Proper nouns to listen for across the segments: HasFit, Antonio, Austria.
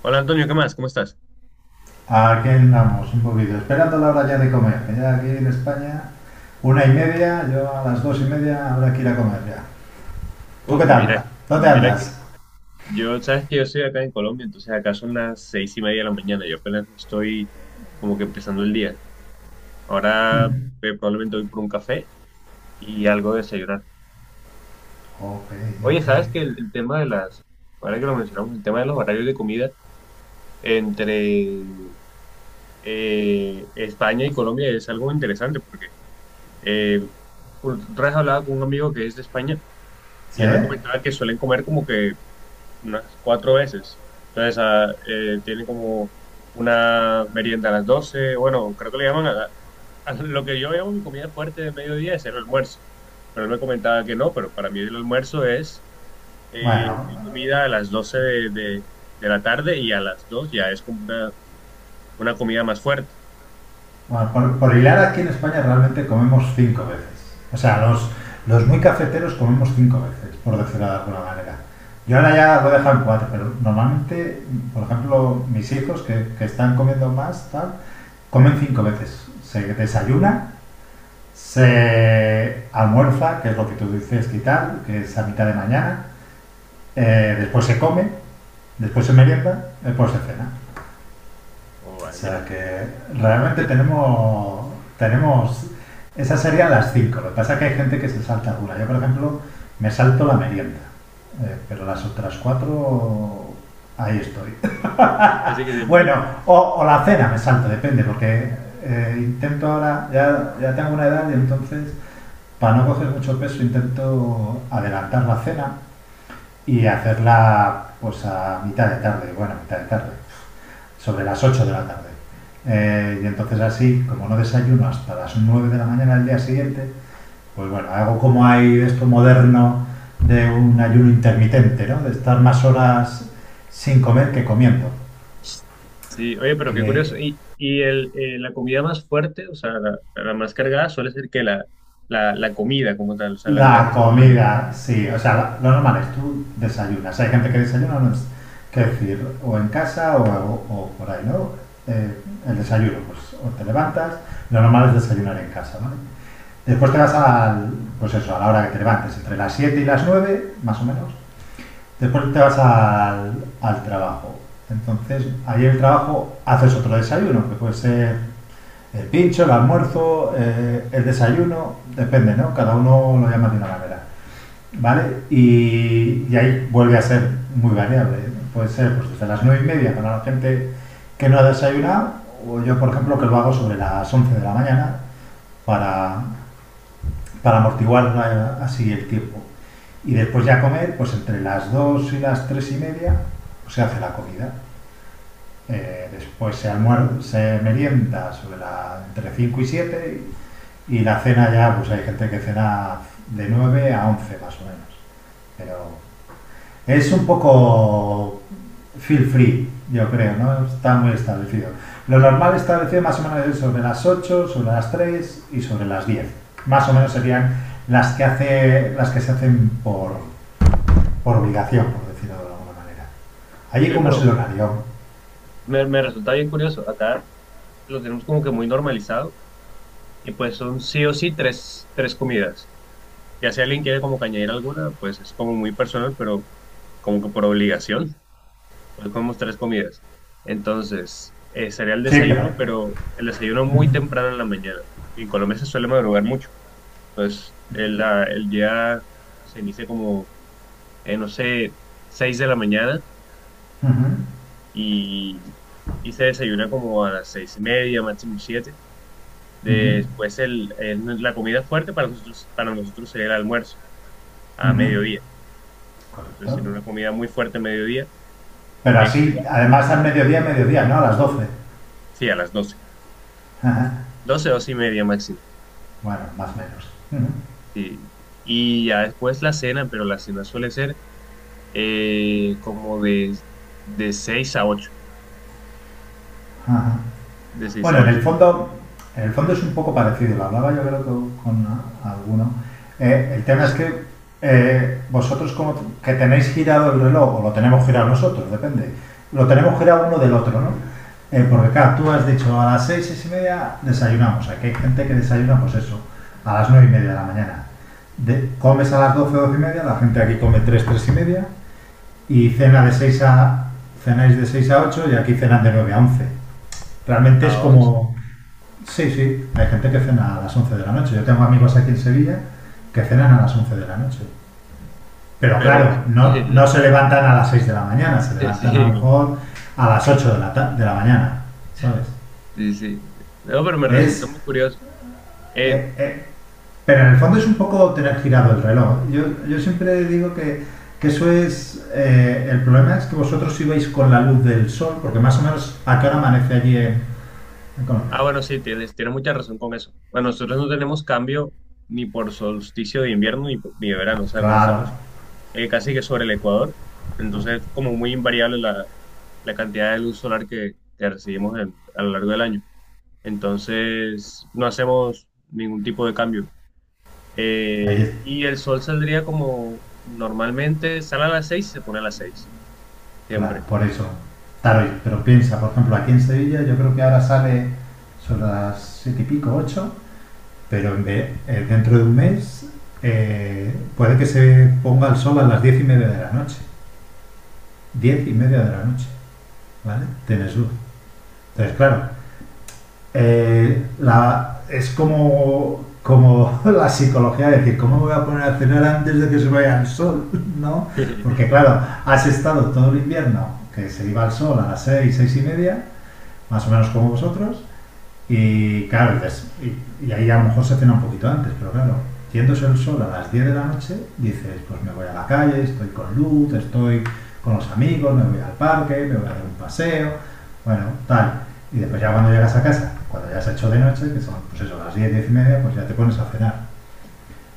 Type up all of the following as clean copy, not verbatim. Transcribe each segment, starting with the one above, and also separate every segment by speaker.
Speaker 1: Hola Antonio, ¿qué más? ¿Cómo estás?
Speaker 2: Aquí andamos un poquito, esperando la hora ya de comer. Ya aquí en España, una y media, yo a las dos y media habrá que ir a comer ya. ¿Tú
Speaker 1: Uf,
Speaker 2: qué tal?
Speaker 1: mira,
Speaker 2: ¿Dónde
Speaker 1: mira
Speaker 2: andas?
Speaker 1: que sabes que yo soy acá en Colombia, entonces acá son las seis y media de la mañana, yo apenas me estoy como que empezando el día. Ahora probablemente voy por un café y algo de desayunar.
Speaker 2: Ok,
Speaker 1: Oye,
Speaker 2: ok.
Speaker 1: ¿sabes que el tema de ahora que lo mencionamos, el tema de los horarios de comida entre España y Colombia es algo interesante porque eh, por otra vez hablaba con un amigo que es de España y
Speaker 2: ¿Sí?
Speaker 1: él me comentaba que suelen comer como que unas cuatro veces. Entonces, tienen como una merienda a las doce. Bueno, creo que le llaman a lo que yo llamo mi comida fuerte de mediodía es el almuerzo. Pero él me comentaba que no, pero para mí el almuerzo es
Speaker 2: Bueno,
Speaker 1: una comida a las 12 de la tarde, y a las 2 ya es como una comida más fuerte.
Speaker 2: bueno, por hilar aquí en España realmente comemos cinco veces. O sea, los muy cafeteros comemos cinco veces, por decirlo de alguna manera. Yo ahora ya lo he dejado en cuatro, pero normalmente, por ejemplo, mis hijos que están comiendo más, tal, comen cinco veces. Se desayunan, se almuerza, que es lo que tú dices, quitar, que es a mitad de mañana. Después se come, después se merienda, después se cena.
Speaker 1: Oh,
Speaker 2: O
Speaker 1: vale, mira,
Speaker 2: sea que realmente tenemos, tenemos esas serían las cinco. Lo que pasa es que hay gente que se salta alguna. Yo, por ejemplo, me salto la merienda. Pero las otras cuatro, ahí estoy.
Speaker 1: casi que siempre.
Speaker 2: Bueno, o la cena me salto, depende, porque intento ahora, ya tengo una edad y entonces para no coger mucho peso intento adelantar la cena y hacerla pues a mitad de tarde, bueno, mitad de tarde, sobre las 8 de la tarde. Y entonces así, como no desayuno hasta las 9 de la mañana del día siguiente, pues bueno, hago como hay de esto moderno de un ayuno intermitente, ¿no? De estar más horas sin comer que comiendo.
Speaker 1: Sí, oye, pero qué
Speaker 2: Que
Speaker 1: curioso. ¿Y la comida más fuerte, o sea, la más cargada, suele ser que la comida como tal, o sea, la que
Speaker 2: la
Speaker 1: es como la?
Speaker 2: comida, sí. O sea, lo normal es tú desayunas. Hay gente que desayuna, no es, que decir, o en casa o por ahí, ¿no? Eh, el desayuno, pues o te levantas, lo normal es desayunar en casa, ¿vale? Después te vas al, pues eso, a la hora que te levantes, entre las 7 y las 9 más o menos. Después te vas al, al trabajo. Entonces, ahí en el trabajo haces otro desayuno, que puede ser el pincho, el almuerzo, el desayuno, depende, ¿no? Cada uno lo llama de una manera. ¿Vale? Y ahí vuelve a ser muy variable. ¿Eh? Puede ser pues, desde las 9 y media para la gente que no ha desayunado, o yo, por ejemplo, que lo hago sobre las 11 de la mañana para, para amortiguar la- así el tiempo. Y después ya comer, pues entre las 2 y las 3 y media pues, se hace la comida. Después se, almuer- se merienda sobre la, entre 5 y 7 y la cena ya, pues hay gente que cena de 9 a 11 más o menos. Pero es un poco feel free, yo creo, ¿no? Está muy establecido. Lo
Speaker 1: Sí.
Speaker 2: normal establecido más o menos es sobre las ocho, sobre las 3 y sobre las diez. Más o menos serían las que, hace, las que se hacen por obligación, por decirlo de alguna manera. Allí
Speaker 1: Oye,
Speaker 2: como es
Speaker 1: pero
Speaker 2: el horario.
Speaker 1: me resulta bien curioso. Acá lo tenemos como que muy normalizado y pues son sí o sí tres comidas. Ya si alguien quiere como que añadir alguna, pues es como muy personal, pero como que por obligación. Entonces comemos tres comidas. Entonces, sería el
Speaker 2: Sí, pero...
Speaker 1: desayuno, pero el desayuno
Speaker 2: ujú,
Speaker 1: muy temprano en la mañana. En Colombia se suele madrugar mucho. Pues el día se inicia como, no sé, 6 de la mañana,
Speaker 2: ujú,
Speaker 1: y, y se desayuna como a las seis y media, máximo siete.
Speaker 2: ujú,
Speaker 1: Después la comida fuerte para nosotros sería el almuerzo a
Speaker 2: ujú.
Speaker 1: mediodía. Entonces
Speaker 2: Correcto.
Speaker 1: tiene una comida muy fuerte a mediodía,
Speaker 2: Pero
Speaker 1: bien,
Speaker 2: así, además al mediodía, mediodía, ¿no? A las doce.
Speaker 1: sí, a las doce,
Speaker 2: Ajá.
Speaker 1: 12 y media máximo.
Speaker 2: Bueno, más o menos. Ujú.
Speaker 1: Sí. Y ya después la cena, pero la cena suele ser como de 6 a ocho.
Speaker 2: Ajá.
Speaker 1: De 6 a
Speaker 2: Bueno,
Speaker 1: ocho.
Speaker 2: en el fondo es un poco parecido, lo hablaba yo creo con alguno. El tema es que vosotros como que tenéis girado el reloj, o lo tenemos girado nosotros, depende, lo tenemos girado uno del otro, ¿no? Porque claro, tú has dicho a las seis, seis y media desayunamos, aquí hay gente que desayuna pues eso, a las nueve y media de la mañana. De- comes a las 12 12 y media, la gente aquí come 3 3:30 y cena de 6 a, cenáis de 6 a 8 y aquí cenan de 9 a 11. Realmente es
Speaker 1: ¿A once?
Speaker 2: como sí, sí, hay gente que cena a las 11 de la noche. Yo tengo amigos aquí en Sevilla que cenan a las 11 de la noche. Pero
Speaker 1: Pero
Speaker 2: claro, no,
Speaker 1: sí,
Speaker 2: no se levantan a las 6 de la mañana, se levantan a lo
Speaker 1: sí,
Speaker 2: mejor a las 8 de la, de la mañana, ¿sabes?
Speaker 1: sí. No, pero me resultó
Speaker 2: Es,
Speaker 1: muy curioso. Eh,
Speaker 2: eh, eh, pero en el fondo es un poco tener girado el reloj. Yo siempre digo que eso es... El problema es que vosotros ibais con la luz del sol, porque más o menos a qué hora amanece allí en Colombia.
Speaker 1: bueno, sí, tienes mucha razón con eso. Bueno, nosotros no tenemos cambio ni por solsticio de invierno ni, ni de verano, o sea, como
Speaker 2: Claro,
Speaker 1: estamos casi que sobre el Ecuador, entonces es como muy invariable la cantidad de luz solar que recibimos a lo largo del año. Entonces, no hacemos ningún tipo de cambio.
Speaker 2: allí
Speaker 1: Y el sol saldría como normalmente, sale a las seis y se pone a las seis,
Speaker 2: claro,
Speaker 1: siempre.
Speaker 2: por eso. Taroy, pero piensa, por ejemplo, aquí en Sevilla yo creo que ahora sale son las siete y pico, ocho, dentro de un mes puede que se ponga el sol a las diez y media de la noche. Diez y media de la noche, ¿vale? Tienes luz. Entonces, claro, es como, como la psicología, de decir, ¿cómo me voy a poner a cenar antes de que se vaya el sol? ¿No? Porque claro, has estado todo el invierno que se iba al sol a las seis, seis y media, más o menos como vosotros. Y claro, dices, y ahí a lo mejor se cena un poquito antes, pero claro, yéndose el sol a las 10 de la noche, dices, pues me voy a la calle, estoy con luz, estoy con los amigos, me voy al parque, me voy a dar un paseo, bueno, tal. Y después ya cuando llegas a casa, cuando ya se ha hecho de noche, que son pues eso, las 10 10:30, pues ya te pones a cenar.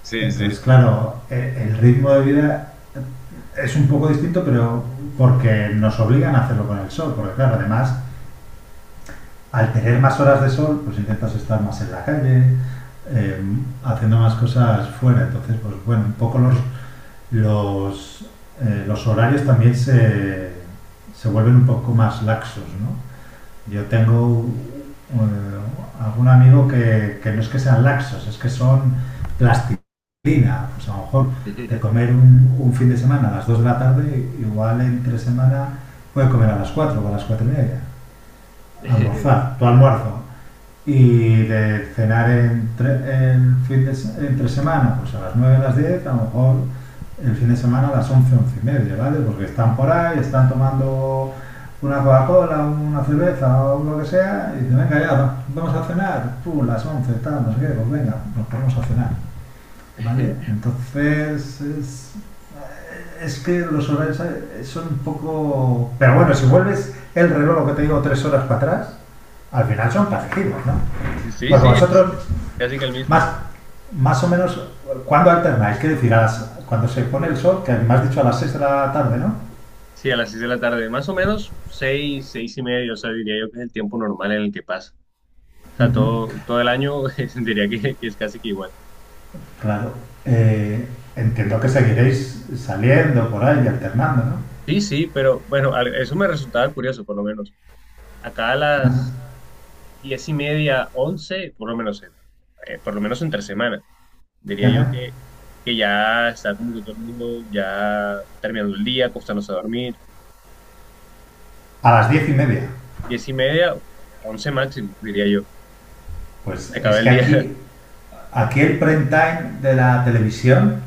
Speaker 1: Sí,
Speaker 2: Entonces,
Speaker 1: sí.
Speaker 2: claro, el ritmo de vida es un poco distinto, pero porque nos obligan a hacerlo con el sol, porque claro, además al tener más horas de sol, pues intentas estar más en la calle, eh, haciendo más cosas fuera. Entonces, pues bueno, un poco los, los horarios también se vuelven un poco más laxos, ¿no? Yo tengo algún amigo que no es que sean laxos, es que son plastilina. Pues a lo mejor de comer un fin de semana a las 2 de la tarde, igual entre semana puede comer a las 4 o a las 4 y media. Almorzar, tu almuerzo, y de cenar entre, entre semana, pues a las 9 a las 10 a lo mejor el fin de semana a las 11 11:30, ¿vale? Porque están por ahí, están tomando una Coca-Cola, una cerveza o lo que sea, y dicen, venga, ya, vamos a cenar, pum, las 11 tal, no sé qué, pues venga, nos ponemos a cenar, ¿vale? Entonces, es que los horarios son un poco... Pero bueno, si vuelves el reloj, lo que te digo, tres horas para atrás, al final son parecidos, ¿no?
Speaker 1: Sí,
Speaker 2: Porque
Speaker 1: sí, es
Speaker 2: vosotros
Speaker 1: casi que el mismo.
Speaker 2: más, más o menos, ¿cuándo alternáis? ¿Qué decir? A las- cuando se pone el sol, que me has dicho a las seis de la tarde, ¿no?
Speaker 1: Sí, a las seis de la tarde, más o menos seis, seis y media, o sea, diría yo que es el tiempo normal en el que pasa. O sea,
Speaker 2: Ujú,
Speaker 1: todo el año diría que es casi que igual.
Speaker 2: claro. Eh, Entiendo que seguiréis saliendo por ahí y alternando, ¿no?
Speaker 1: Sí, sí, pero bueno, eso me resultaba curioso, por lo menos. Acá a las
Speaker 2: Ajá,
Speaker 1: diez y media, once, por lo menos, por lo menos entre semana, diría yo
Speaker 2: ajá.
Speaker 1: que ya está como que todo el mundo ya terminando el día, acostándose a dormir.
Speaker 2: A las 10 y media.
Speaker 1: Diez y media, once máximo, diría yo.
Speaker 2: Pues
Speaker 1: Se acaba
Speaker 2: es
Speaker 1: el
Speaker 2: que
Speaker 1: día.
Speaker 2: aquí, aquí el prime time de la televisión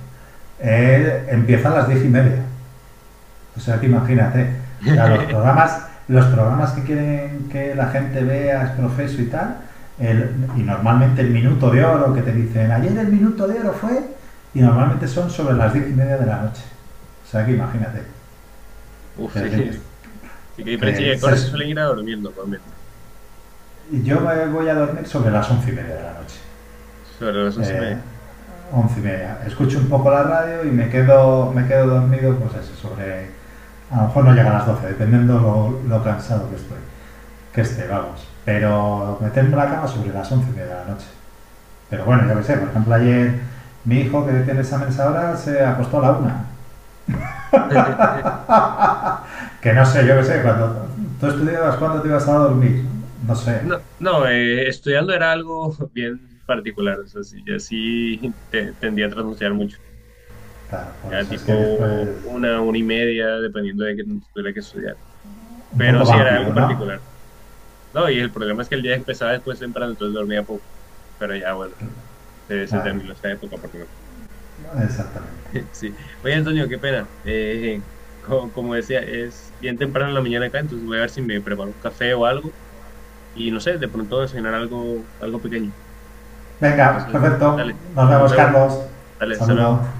Speaker 2: empieza a las 10 y media. O sea, que imagínate. O sea, los programas que quieren que la gente vea, es profeso y tal, y normalmente el minuto de oro que te dicen, ayer el minuto de oro fue, y normalmente son sobre las diez y media de la noche. O sea, que imagínate.
Speaker 1: Uf, sí,
Speaker 2: Es decir,
Speaker 1: sí, qué diferencia. ¿Y
Speaker 2: que
Speaker 1: a qué hora se
Speaker 2: se-
Speaker 1: suelen ir a dormir normalmente?
Speaker 2: yo me voy a dormir sobre las once y media de la noche.
Speaker 1: Sobre las once y
Speaker 2: Eh,
Speaker 1: media.
Speaker 2: Once y media. Escucho un poco la radio y me quedo dormido, pues eso, sobre... A lo mejor no llega a las 12, dependiendo lo cansado que estoy. Que este, vamos. Pero meterme en la cama sobre las 11 de la noche. Pero bueno, yo qué sé, por ejemplo, ayer mi hijo que tiene exámenes ahora se acostó a la una. Que no sé, yo qué sé, cuando tú estudiabas, ¿cuándo te ibas a dormir? No sé.
Speaker 1: No, no, estudiando era algo bien particular. O sea, sí, yo sí tendía a trasnochar mucho.
Speaker 2: Claro, por
Speaker 1: Ya
Speaker 2: eso es que después.
Speaker 1: tipo una y media, dependiendo de qué tanto tuviera que estudiar.
Speaker 2: Un
Speaker 1: Pero
Speaker 2: poco
Speaker 1: sí, era algo
Speaker 2: vampiro, ¿no?
Speaker 1: particular. No, y el problema es que el día empezaba después temprano, entonces dormía poco. Pero ya, bueno, se
Speaker 2: Bueno,
Speaker 1: terminó esa época por lo menos.
Speaker 2: exactamente.
Speaker 1: Sí. Oye, Antonio, qué pena. Como decía, es bien temprano en la mañana acá, entonces voy a ver si me preparo un café o algo. Y no sé, de pronto desayunar algo, algo pequeño.
Speaker 2: Venga,
Speaker 1: Entonces,
Speaker 2: perfecto.
Speaker 1: dale,
Speaker 2: Nos
Speaker 1: nos
Speaker 2: vemos,
Speaker 1: vemos.
Speaker 2: Carlos.
Speaker 1: Dale, hasta luego.
Speaker 2: Saludos.